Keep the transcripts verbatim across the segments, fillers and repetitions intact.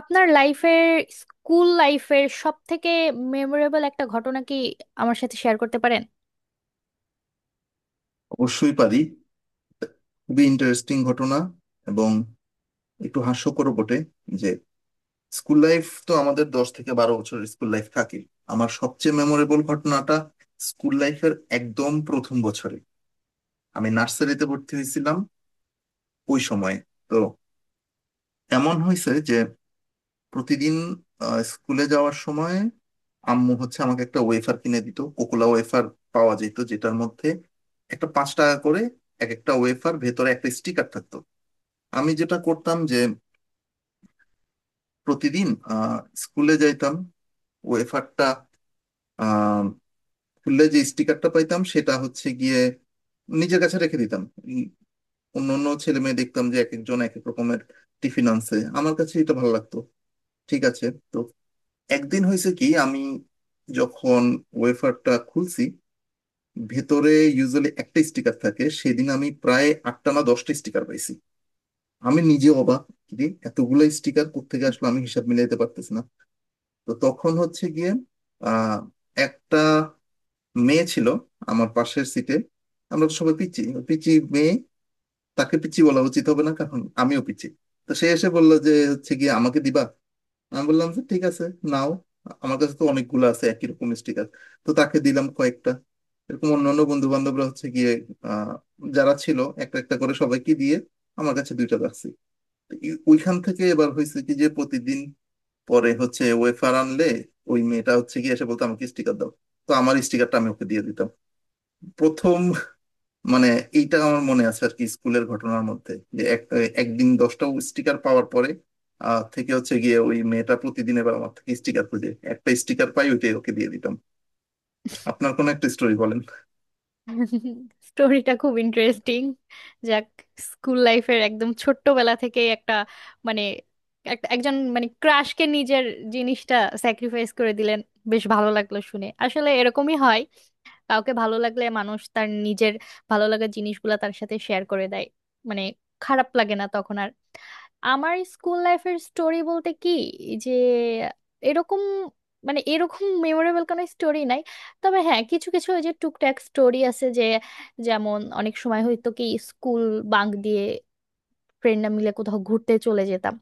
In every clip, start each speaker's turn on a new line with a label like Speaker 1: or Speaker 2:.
Speaker 1: আপনার লাইফের স্কুল লাইফের সব থেকে মেমোরেবল একটা ঘটনা কি আমার সাথে শেয়ার করতে পারেন?
Speaker 2: অবশ্যই পারি। খুবই ইন্টারেস্টিং ঘটনা এবং একটু হাস্যকরও বটে যে স্কুল লাইফ তো আমাদের দশ থেকে বারো বছরের স্কুল লাইফ থাকে। আমার সবচেয়ে মেমোরেবল ঘটনাটা স্কুল লাইফের একদম প্রথম বছরে, আমি নার্সারিতে ভর্তি হয়েছিলাম ওই সময়ে। তো এমন হয়েছে যে প্রতিদিন আহ, স্কুলে যাওয়ার সময় আম্মু হচ্ছে আমাকে একটা ওয়েফার কিনে দিত, কোকোলা ওয়েফার পাওয়া যেত, যেটার মধ্যে একটা পাঁচ টাকা করে এক একটা ওয়েফার ভেতরে একটা স্টিকার থাকতো। আমি যেটা করতাম যে প্রতিদিন আহ, স্কুলে যাইতাম, ওয়েফারটা আহ, খুললে যে স্টিকারটা পাইতাম সেটা হচ্ছে গিয়ে নিজের কাছে রেখে দিতাম। উম, অন্য অন্য ছেলে মেয়ে দেখতাম যে এক একজন এক এক রকমের টিফিন আনছে, আমার কাছে এটা ভালো লাগতো, ঠিক আছে। তো একদিন হয়েছে কি, আমি যখন ওয়েফারটা খুলছি, ভেতরে ইউজুয়ালি একটা স্টিকার থাকে, সেদিন আমি প্রায় আটটা না দশটা স্টিকার পাইছি। আমি নিজে অবাক, কিরে, এতগুলো স্টিকার কোত্থেকে আসলো, আমি হিসাব মিলাইতে পারতেছি না। তো তখন হচ্ছে গিয়ে আহ একটা মেয়ে ছিল আমার পাশের সিটে, আমরা তো সবাই পিচি, পিচি মেয়ে, তাকে পিচি বলা উচিত হবে না কারণ আমিও পিচি। তো সে এসে বললো যে হচ্ছে গিয়ে আমাকে দিবা, আমি বললাম যে ঠিক আছে নাও, আমার কাছে তো অনেকগুলো আছে একই রকম স্টিকার। তো তাকে দিলাম কয়েকটা, এরকম অন্যান্য বন্ধু বান্ধবরা হচ্ছে গিয়ে আহ যারা ছিল একটা একটা করে সবাইকে দিয়ে আমার কাছে দুইটা রাখছি। তো এই- ওইখান থেকে এবার হয়েছে কি যে প্রতিদিন পরে হচ্ছে ওয়েফার আনলে ওই মেয়েটা হচ্ছে গিয়ে এসে বলতো আমাকে স্টিকার দাও, তো আমার স্টিকারটা আমি ওকে দিয়ে দিতাম। প্রথম মানে এইটা আমার মনে আছে আর কি স্কুলের ঘটনার মধ্যে, যে এক একদিন দশটা স্টিকার পাওয়ার পরে আহ থেকে হচ্ছে গিয়ে ওই মেয়েটা প্রতিদিন এবার আমার থেকে স্টিকার খুঁজে, একটা স্টিকার পাই ওইটাই ওকে দিয়ে দিতাম। আপনার কোনো একটা স্টোরি বলেন।
Speaker 1: স্টোরিটা খুব ইন্টারেস্টিং। যাক, স্কুল লাইফের একদম ছোট্টবেলা থেকে একটা, মানে এক- একজন, মানে ক্রাশকে নিজের জিনিসটা স্যাক্রিফাইস করে দিলেন। বেশ ভালো লাগলো শুনে, আসলে এরকমই হয়। কাউকে ভালো লাগলে মানুষ তার নিজের ভালো লাগার জিনিসগুলা তার সাথে শেয়ার করে দেয়, মানে খারাপ লাগে না তখন আর। আমার স্কুল লাইফের স্টোরি বলতে কি, যে এরকম, মানে এরকম মেমোরেবল কোনো স্টোরি নাই। তবে হ্যাঁ, কিছু কিছু ওই যে টুকটাক স্টোরি আছে, যে যেমন অনেক সময় হয়তো কি স্কুল বাঙ্ক দিয়ে ফ্রেন্ডরা মিলে কোথাও ঘুরতে চলে যেতাম।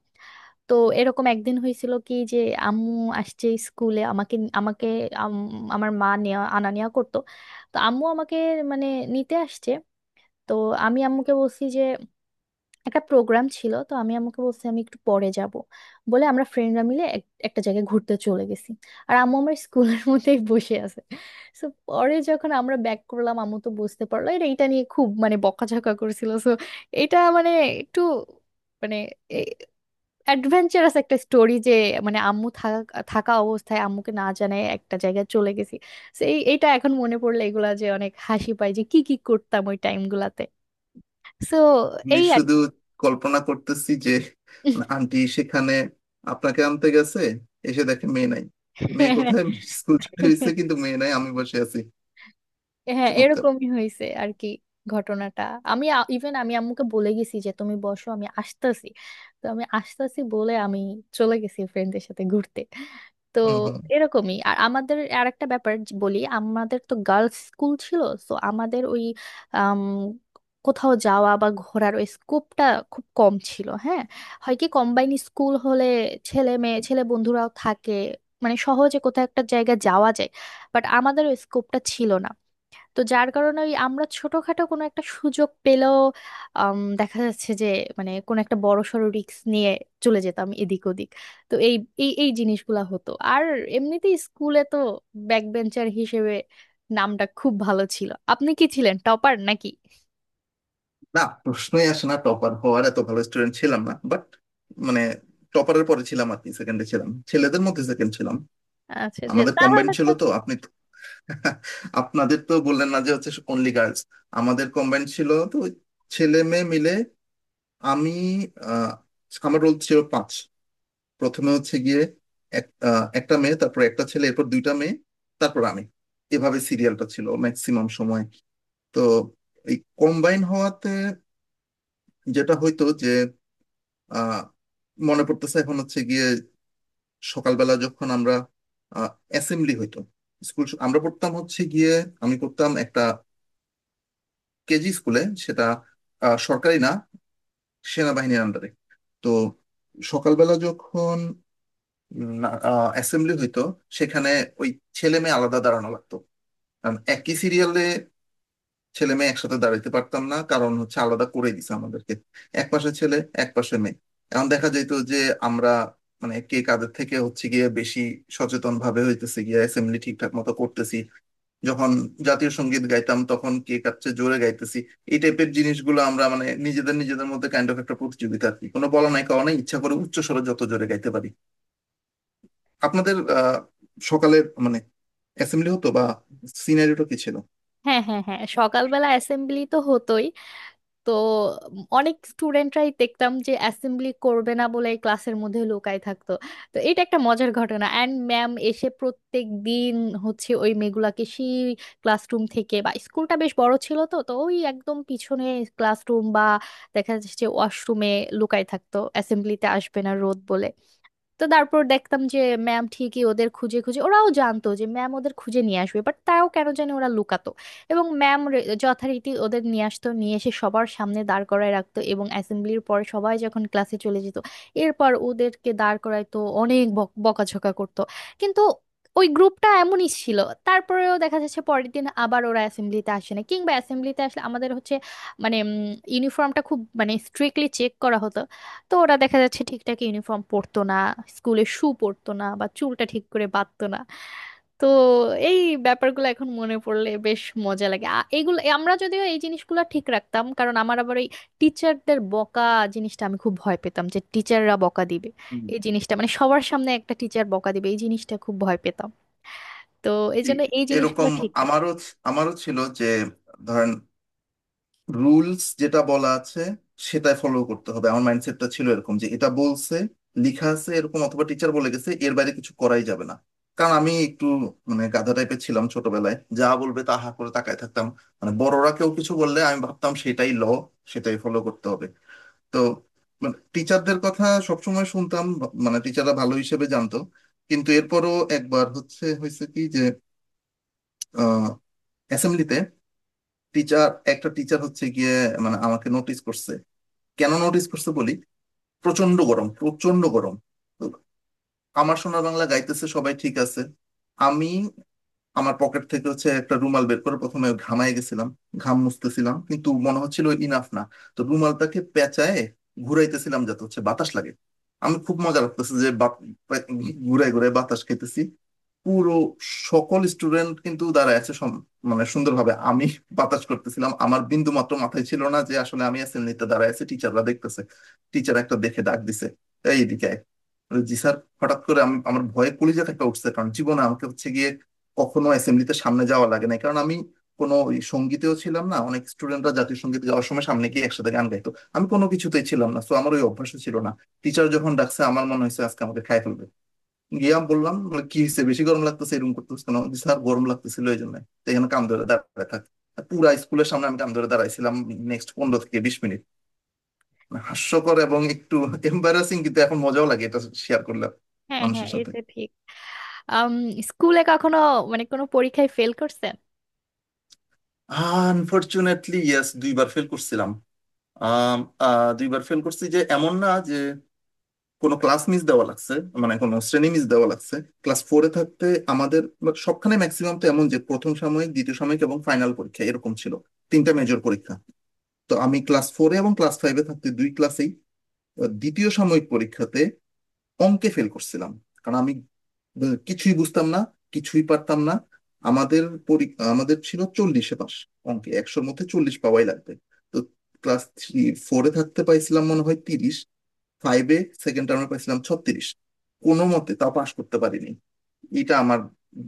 Speaker 1: তো এরকম একদিন হয়েছিল কি, যে আম্মু আসছে স্কুলে আমাকে আমাকে। আম- আমার মা নেওয়া আনা নেওয়া করতো। তো আম্মু আমাকে, মানে, নিতে আসছে। তো আমি আম্মুকে বলছি যে একটা প্রোগ্রাম ছিল, তো আমি আম্মুকে বলছি আমি একটু পরে যাব, বলে আমরা ফ্রেন্ডরা মিলে এক- একটা জায়গায় ঘুরতে চলে গেছি। আর আম্মু আমার স্কুলের মধ্যেই বসে আছে। সো পরে যখন আমরা ব্যাক করলাম, আম্মু তো বুঝতে পারলো, এটা এটা নিয়ে খুব মানে বকাঝকা করছিল। সো এটা মানে একটু, মানে অ্যাডভেঞ্চারাস একটা স্টোরি, যে মানে আম্মু থাকা থাকা অবস্থায় আম্মুকে না জানায় একটা জায়গায় চলে গেছি। সো এই এটা এখন মনে পড়লে এগুলা যে অনেক হাসি পায়, যে কি কি করতাম ওই টাইমগুলাতে। সো
Speaker 2: আমি
Speaker 1: এই আর
Speaker 2: শুধু
Speaker 1: কি।
Speaker 2: কল্পনা করতেছি যে মানে আন্টি সেখানে আপনাকে আনতে গেছে, এসে দেখে মেয়ে নাই, মেয়ে কোথায়, স্কুল ছুটি হয়েছে কিন্তু মেয়ে নাই, আমি বসে আছি।
Speaker 1: হ্যাঁ,
Speaker 2: চমৎকার।
Speaker 1: এরকমই হয়েছে আর কি ঘটনাটা। আমি, ইভেন আমি আম্মুকে বলে গেছি যে তুমি বসো আমি আসতেছি, তো আমি আসতেছি বলে আমি চলে গেছি ফ্রেন্ডদের সাথে ঘুরতে। তো
Speaker 2: হম হম।
Speaker 1: এরকমই। আর আমাদের আর একটা ব্যাপার, যে- বলি, আমাদের তো গার্লস স্কুল ছিল। তো আমাদের ওই আম, কোথাও যাওয়া বা ঘোরার ওই স্কোপটা খুব কম ছিল, হ্যাঁ। হয় কি, কম্বাইন স্কুল হলে ছেলে মেয়ে, ছেলে বন্ধুরাও থাকে, মানে সহজে কোথাও একটা জায়গা যাওয়া যায়, বাট আমাদের ওই স্কোপটা ছিল না। তো যার কারণে ওই আমরা ছোটখাটো কোনো একটা সুযোগ পেলেও, আম, দেখা যাচ্ছে যে, মানে কোনো একটা বড়সড় রিস্ক নিয়ে চলে যেতাম এদিক ওদিক। তো এই এই এই জিনিসগুলা হতো। আর এমনিতেই স্কুলে তো ব্যাক বেঞ্চার হিসেবে নামটা খুব ভালো ছিল। আপনি কি ছিলেন টপার নাকি?
Speaker 2: না, প্রশ্নই আসে না টপার হওয়ার, এত ভালো স্টুডেন্ট ছিলাম না, বাট মানে টপারের পরে ছিলাম আর কি, সেকেন্ডে ছিলাম, ছেলেদের মধ্যে সেকেন্ড ছিলাম।
Speaker 1: আচ্ছা আচ্ছা,
Speaker 2: আমাদের কম্বাইন
Speaker 1: তাহলে
Speaker 2: ছিল
Speaker 1: তো।
Speaker 2: তো আপনি তো- আপনাদের তো বললেন না যে হচ্ছে অনলি গার্লস। আমাদের কম্বাইন ছিল তো, ওই ছেলে মেয়ে মিলে। আমি আহ, আমার রোল ছিল পাঁচ। প্রথমে হচ্ছে গিয়ে এক- আহ, একটা মেয়ে, তারপর একটা ছেলে, এরপর দুইটা মেয়ে, তারপর আমি, এভাবে সিরিয়ালটা ছিল ম্যাক্সিমাম সময়। তো এই কম্বাইন হওয়াতে যেটা হইতো যে আহ মনে পড়তেছে এখন হচ্ছে গিয়ে, সকালবেলা যখন আমরা অ্যাসেম্বলি হইতো, স্কুল আমরা পড়তাম হচ্ছে গিয়ে, আমি পড়তাম একটা কেজি স্কুলে, সেটা আহ, সরকারি না, সেনাবাহিনীর আন্ডারে। তো সকালবেলা যখন অ্যাসেম্বলি হইতো সেখানে ওই ছেলে মেয়ে আলাদা দাঁড়ানো লাগতো, কারণ একই সিরিয়ালে ছেলে মেয়ে একসাথে দাঁড়াইতে পারতাম না, কারণ হচ্ছে আলাদা করে দিছে আমাদেরকে, এক পাশে ছেলে এক পাশে মেয়ে। এখন দেখা যেত যে আমরা মানে কে কাদের থেকে হচ্ছে গিয়ে বেশি সচেতন ভাবে হইতেছে গিয়ে অ্যাসেম্বলি ঠিকঠাক মতো করতেছি, যখন জাতীয় সঙ্গীত গাইতাম তখন কে কার চেয়ে জোরে গাইতেছি। এই টাইপের জিনিসগুলো আমরা মানে নিজেদের নিজেদের মধ্যে কাইন্ড অফ একটা প্রতিযোগিতা আর কি, কোনো বলা নাই কারণে ইচ্ছা করে উচ্চ স্বরে যত জোরে গাইতে পারি। আপনাদের আহ সকালের মানে অ্যাসেম্বলি হতো বা সিনারিটা কি ছিল?
Speaker 1: হ্যাঁ, হ্যাঁ, হ্যাঁ, সকালবেলা অ্যাসেম্বলি তো হতোই। তো উম অনেক স্টুডেন্টরাই দেখতাম যে অ্যাসেম্বলি করবে না বলে ক্লাসের মধ্যে লুকায় থাকতো। তো এটা একটা মজার ঘটনা। অ্যান্ড ম্যাম এসে প্রত্যেক দিন হচ্ছে ওই মেয়েগুলাকে সেই ক্লাসরুম থেকে বা, স্কুলটা বেশ বড় ছিল, তো তো ওই একদম পিছনে ক্লাসরুম বা দেখা যাচ্ছে যে ওয়াশরুমে লুকায় থাকতো, অ্যাসেম্বলিতে আসবে না রোদ বলে। তো তারপর দেখতাম যে ম্যাম ঠিকই ওদের খুঁজে খুঁজে, ওরাও জানতো যে ম্যাম ওদের খুঁজে নিয়ে আসবে, বাট তাও কেন জানি ওরা লুকাতো। এবং ম্যাম যথারীতি ওদের নিয়ে আসতো, নিয়ে এসে সবার সামনে দাঁড় করায় রাখতো, এবং অ্যাসেম্বলির পরে সবাই যখন ক্লাসে চলে যেত এরপর ওদেরকে দাঁড় করাইতো, অনেক বক- বকাঝকা করতো। কিন্তু ওই গ্রুপটা এমনই ছিল, তারপরেও দেখা যাচ্ছে পরের দিন আবার ওরা অ্যাসেম্বলিতে আসে না, কিংবা অ্যাসেম্বলিতে আসলে আমাদের হচ্ছে, মানে ইউনিফর্মটা খুব মানে স্ট্রিক্টলি চেক করা হতো। তো ওরা দেখা যাচ্ছে ঠিকঠাক ইউনিফর্ম পরতো না, স্কুলে শু পরতো না বা চুলটা ঠিক করে বাঁধতো না। তো এই ব্যাপারগুলো এখন মনে পড়লে বেশ মজা লাগে, আ- এইগুলো আমরা যদিও, এই জিনিসগুলো ঠিক রাখতাম কারণ আমার আবার ওই টিচারদের বকা জিনিসটা আমি খুব ভয় পেতাম যে টিচাররা বকা দিবে, এই জিনিসটা, মানে সবার সামনে একটা টিচার বকা দিবে এই জিনিসটা খুব ভয় পেতাম। তো এই
Speaker 2: জি,
Speaker 1: জন্য এই জিনিসগুলো
Speaker 2: এরকম
Speaker 1: ঠিক
Speaker 2: আমারও
Speaker 1: রাখতাম।
Speaker 2: ছি- আমারও ছিল যে ধরেন রুলস যেটা বলা আছে সেটা ফলো করতে হবে, আমার মাইন্ডসেটটা ছিল এরকম যে এটা বলছে, লিখা আছে এরকম অথবা টিচার বলে গেছে, এর বাইরে কিছু করাই যাবে না। কারণ আমি একটু মানে গাধা টাইপের ছিলাম ছোটবেলায়, যা বলবে তা হা করে তাকায় থাকতাম, মানে বড়রা কেউ কিছু বললে আমি ভাবতাম সেটাই ল, সেটাই ফলো করতে হবে। তো মানে টিচারদের কথা সবসময় শুনতাম, মানে টিচাররা ভালো হিসেবে জানতো। কিন্তু এরপরও একবার হচ্ছে হয়েছে কি যে অ্যাসেম্বলিতে টিচার, একটা টিচার হচ্ছে গিয়ে মানে আমাকে নোটিস করছে। কেন নোটিস করছে বলি, প্রচন্ড গরম প্রচন্ড গরম। তো আমার সোনার বাংলা গাইতেছে সবাই ঠিক আছে, আমি আমার পকেট থেকে হচ্ছে একটা রুমাল বের করে প্রথমে ঘামায় গেছিলাম, ঘাম মুছতেছিলাম কিন্তু মনে হচ্ছিল ইনাফ না। তো রুমালটাকে পেঁচায় ঘুরাইতেছিলাম যাতে হচ্ছে বাতাস লাগে, আমি খুব মজা লাগতেছে যে ঘুরে ঘুরে বাতাস খেতেছি। পুরো সকল স্টুডেন্ট কিন্তু দাঁড়ায় আছে সম- মানে সুন্দরভাবে আমি বাতাস করতেছিলাম, আমার বিন্দু মাত্র মাথায় ছিল না যে আসলে আমি অ্যাসেম্বলিতে দাঁড়ায় আছে, টিচাররা দেখতেছে। টিচার একটা দেখে ডাক দিছে, এইদিকে আয়।" মানে জি স্যার, হঠাৎ করে আম- আমার ভয়ে কলিজা থেকে উঠছে, কারণ জীবনে আমাকে হচ্ছে গিয়ে কখনো অ্যাসেম্বলিতে সামনে যাওয়া লাগে নাই, কারণ আমি কোনো ওই সঙ্গীতেও ছিলাম না, অনেক স্টুডেন্টরা জাতীয় সঙ্গীত গাওয়ার সময় সামনে গিয়ে একসাথে গান গাইতো, আমি কোনো কিছুতেই ছিলাম না, তো আমার ওই অভ্যাস ছিল না। টিচার যখন ডাকছে আমার মনে হয়েছে আজকে আমাকে খাই ফেলবে। গিয়ে আমি বললাম বলে, কি হয়েছে বেশি গরম লাগতেছে এরকম করতেছে কেন, "জি স্যার গরম লাগতেছিল এই জন্য"। তো এখানে কাম ধরে দাঁড়ায় থাক, পুরা স্কুলের সামনে আমি কাম ধরে দাঁড়াইছিলাম নেক্সট পনেরো থেকে বিশ মিনিট। হাস্যকর এবং একটু এম্বারাসিং কিন্তু এখন মজাও লাগে, এটা শেয়ার করলাম
Speaker 1: হ্যাঁ হ্যাঁ,
Speaker 2: মানুষের সাথে।
Speaker 1: এটা ঠিক। আম, স্কুলে কখনো, মানে কোনো পরীক্ষায় ফেল করছেন?
Speaker 2: আনফরচুনেটলি ইয়েস, দুইবার ফেল করছিলাম। আম, আহ, দুইবার ফেল করছি, যে এমন না যে কোনো ক্লাস মিস দেওয়া লাগছে, মানে কোনো শ্রেণী মিস দেওয়া লাগছে। ক্লাস ফোরে থাকতে, আমাদের বা- সবখানে ম্যাক্সিমাম তো এমন, যে প্রথম সাময়িক দ্বিতীয় সাময়িক এবং ফাইনাল পরীক্ষা এরকম ছিল, তিনটা মেজর পরীক্ষা। তো আমি ক্লাস ফোরে এবং ক্লাস ফাইভে থাকতে দুই ক্লাসেই দ্বিতীয় সাময়িক পরীক্ষাতে অঙ্কে ফেল করছিলাম, কারণ আমি ব- কিছুই বুঝতাম না, কিছুই পারতাম না। আমাদের পরি- আমাদের ছিল চল্লিশে পাস, অঙ্কে একশোর মধ্যে চল্লিশ পাওয়াই লাগবে। তো ক্লাস থ্রি ফোরে থাকতে পাইছিলাম মনে হয় তিরিশ, ফাইভে সেকেন্ড টার্মে পাইছিলাম ছত্রিশ, কোনো মতে তা পাশ করতে পারিনি। এটা আমার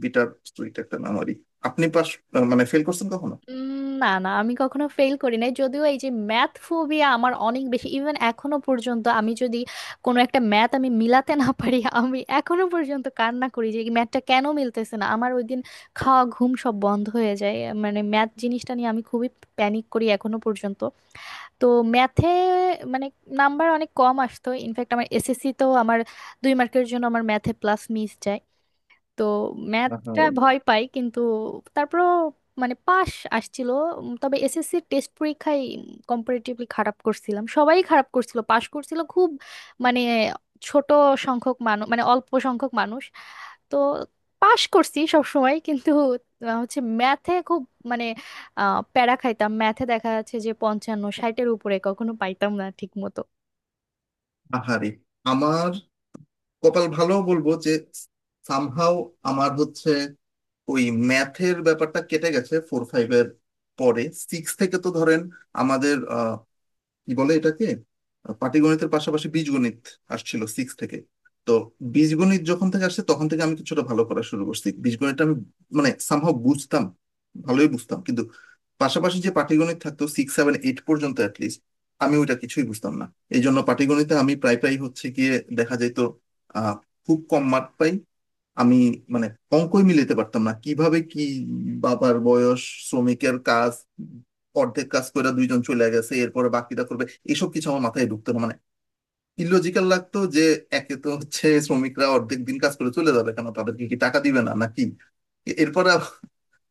Speaker 2: বিটার স্টোরিটা, একটা মেমোরি। আপনি পাস মানে ফেল করছেন কখনো?
Speaker 1: উম, না না, আমি কখনো ফেল করি নাই, যদিও এই যে ম্যাথ ফোবিয়া আমার অনেক বেশি, ইভেন এখনো পর্যন্ত আমি যদি কোনো একটা ম্যাথ আমি মিলাতে না পারি আমি এখনো পর্যন্ত কান্না করি যে ম্যাথটা কেন মিলতেছে না। আমার ওই দিন খাওয়া ঘুম সব বন্ধ হয়ে যায়, মানে ম্যাথ জিনিসটা নিয়ে আমি খুবই প্যানিক করি এখনো পর্যন্ত। তো ম্যাথে, মানে, নাম্বার অনেক কম আসতো। ইনফ্যাক্ট আমার এস এস সি তো আমার দুই মার্কের জন্য আমার ম্যাথে প্লাস মিস যায়। তো ম্যাথটা
Speaker 2: আহারে।
Speaker 1: ভয় পাই, কিন্তু তারপরও, মানে পাস আসছিল। উম, তবে এস এস সি টেস্ট পরীক্ষায় কম্পারেটিভলি খারাপ করছিলাম, সবাই খারাপ করছিল, পাশ করছিল খুব, মানে ছোট সংখ্যক মানুষ, মানে অল্প সংখ্যক মানুষ। তো পাশ করছি সব সময়, কিন্তু আহ, হচ্ছে ম্যাথে খুব, মানে আহ, প্যারা খাইতাম। ম্যাথে দেখা যাচ্ছে যে পঞ্চান্ন, ষাটের উপরে কখনো পাইতাম না ঠিক মতো।
Speaker 2: আহারে, আমার কপাল ভালো বলবো যে সামহাও আমার হচ্ছে ওই ম্যাথের ব্যাপারটা কেটে গেছে ফোর ফাইভের পরে। সিক্স থেকে তো ধরেন আমাদের আহ, কি বলে এটাকে, আহ, পাটিগণিতের পাশাপাশি বীজগণিত আসছিল সিক্স থেকে। তো বীজগণিত যখন থেকে আসছে তখন থেকে আমি কিছুটা ভালো করা শুরু করছি, বীজগণিতটা আমি মানে সামহাও বুঝতাম, ভালোই বুঝতাম, কিন্তু পাশাপাশি যে পাটিগণিত থাকতো সিক্স সেভেন এইট পর্যন্ত অ্যাটলিস্ট, আমি ওইটা কিছুই বুঝতাম না। এই জন্য পাটিগণিতে আমি প্রায় প্রায় হচ্ছে গিয়ে দেখা যেত আহ খুব কম মার্ক পাই আমি, মানে অঙ্কই মিলাতে পারতাম না কিভাবে কি, বাবার বয়স, শ্রমিকের কাজ, অর্ধেক কাজ করে দুইজন চলে গেছে এরপরে বাকিটা করবে, এসব কিছু আমার মাথায় ঢুকতো না, মানে ইলজিক্যাল লাগতো যে একে তো হচ্ছে শ্রমিকরা অর্ধেক দিন কাজ করে চলে যাবে কেন, তাদেরকে কি টাকা দিবে না নাকি, এরপরে আবার।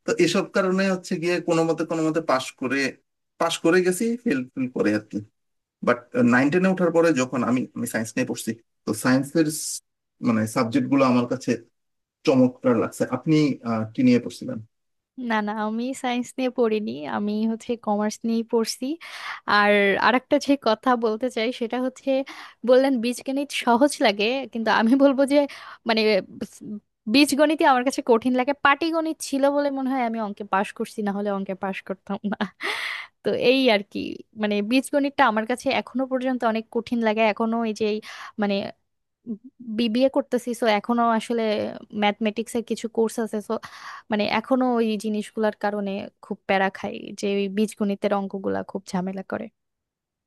Speaker 2: তো এসব কারণে হচ্ছে গিয়ে কোনো মতে কোনো মতে পাশ করে, পাশ করে গেছি ফেল ফেল করে আর কি। বাট নাইন টেনে ওঠার পরে যখন আমি আমি সায়েন্স নিয়ে পড়ছি, তো সায়েন্সের মানে সাবজেক্ট গুলো আমার কাছে চমৎকার লাগছে। আপনি আহ, কি নিয়ে পড়ছিলেন?
Speaker 1: না না, আমি সায়েন্স নিয়ে পড়িনি, আমি হচ্ছে কমার্স নিয়েই পড়ছি। আর আরেকটা যে কথা বলতে চাই সেটা হচ্ছে, বললেন বীজগণিত সহজ লাগে, কিন্তু আমি বলবো যে, মানে বীজগণিতই আমার কাছে কঠিন লাগে। পাটিগণিত ছিল বলে মনে হয় আমি অঙ্কে পাশ করছি, না হলে অঙ্কে পাশ করতাম না। তো এই আর কি, মানে বীজগণিতটা আমার কাছে এখনো পর্যন্ত অনেক কঠিন লাগে এখনো, এই যে এই, মানে বি বি এ করতেছি, সো এখনো আসলে ম্যাথমেটিক্স এর কিছু কোর্স আছে, সো মানে এখনো ওই জিনিসগুলোর কারণে খুব প্যারা খাই যে ওই বীজগণিতের অঙ্কগুলা খুব ঝামেলা করে।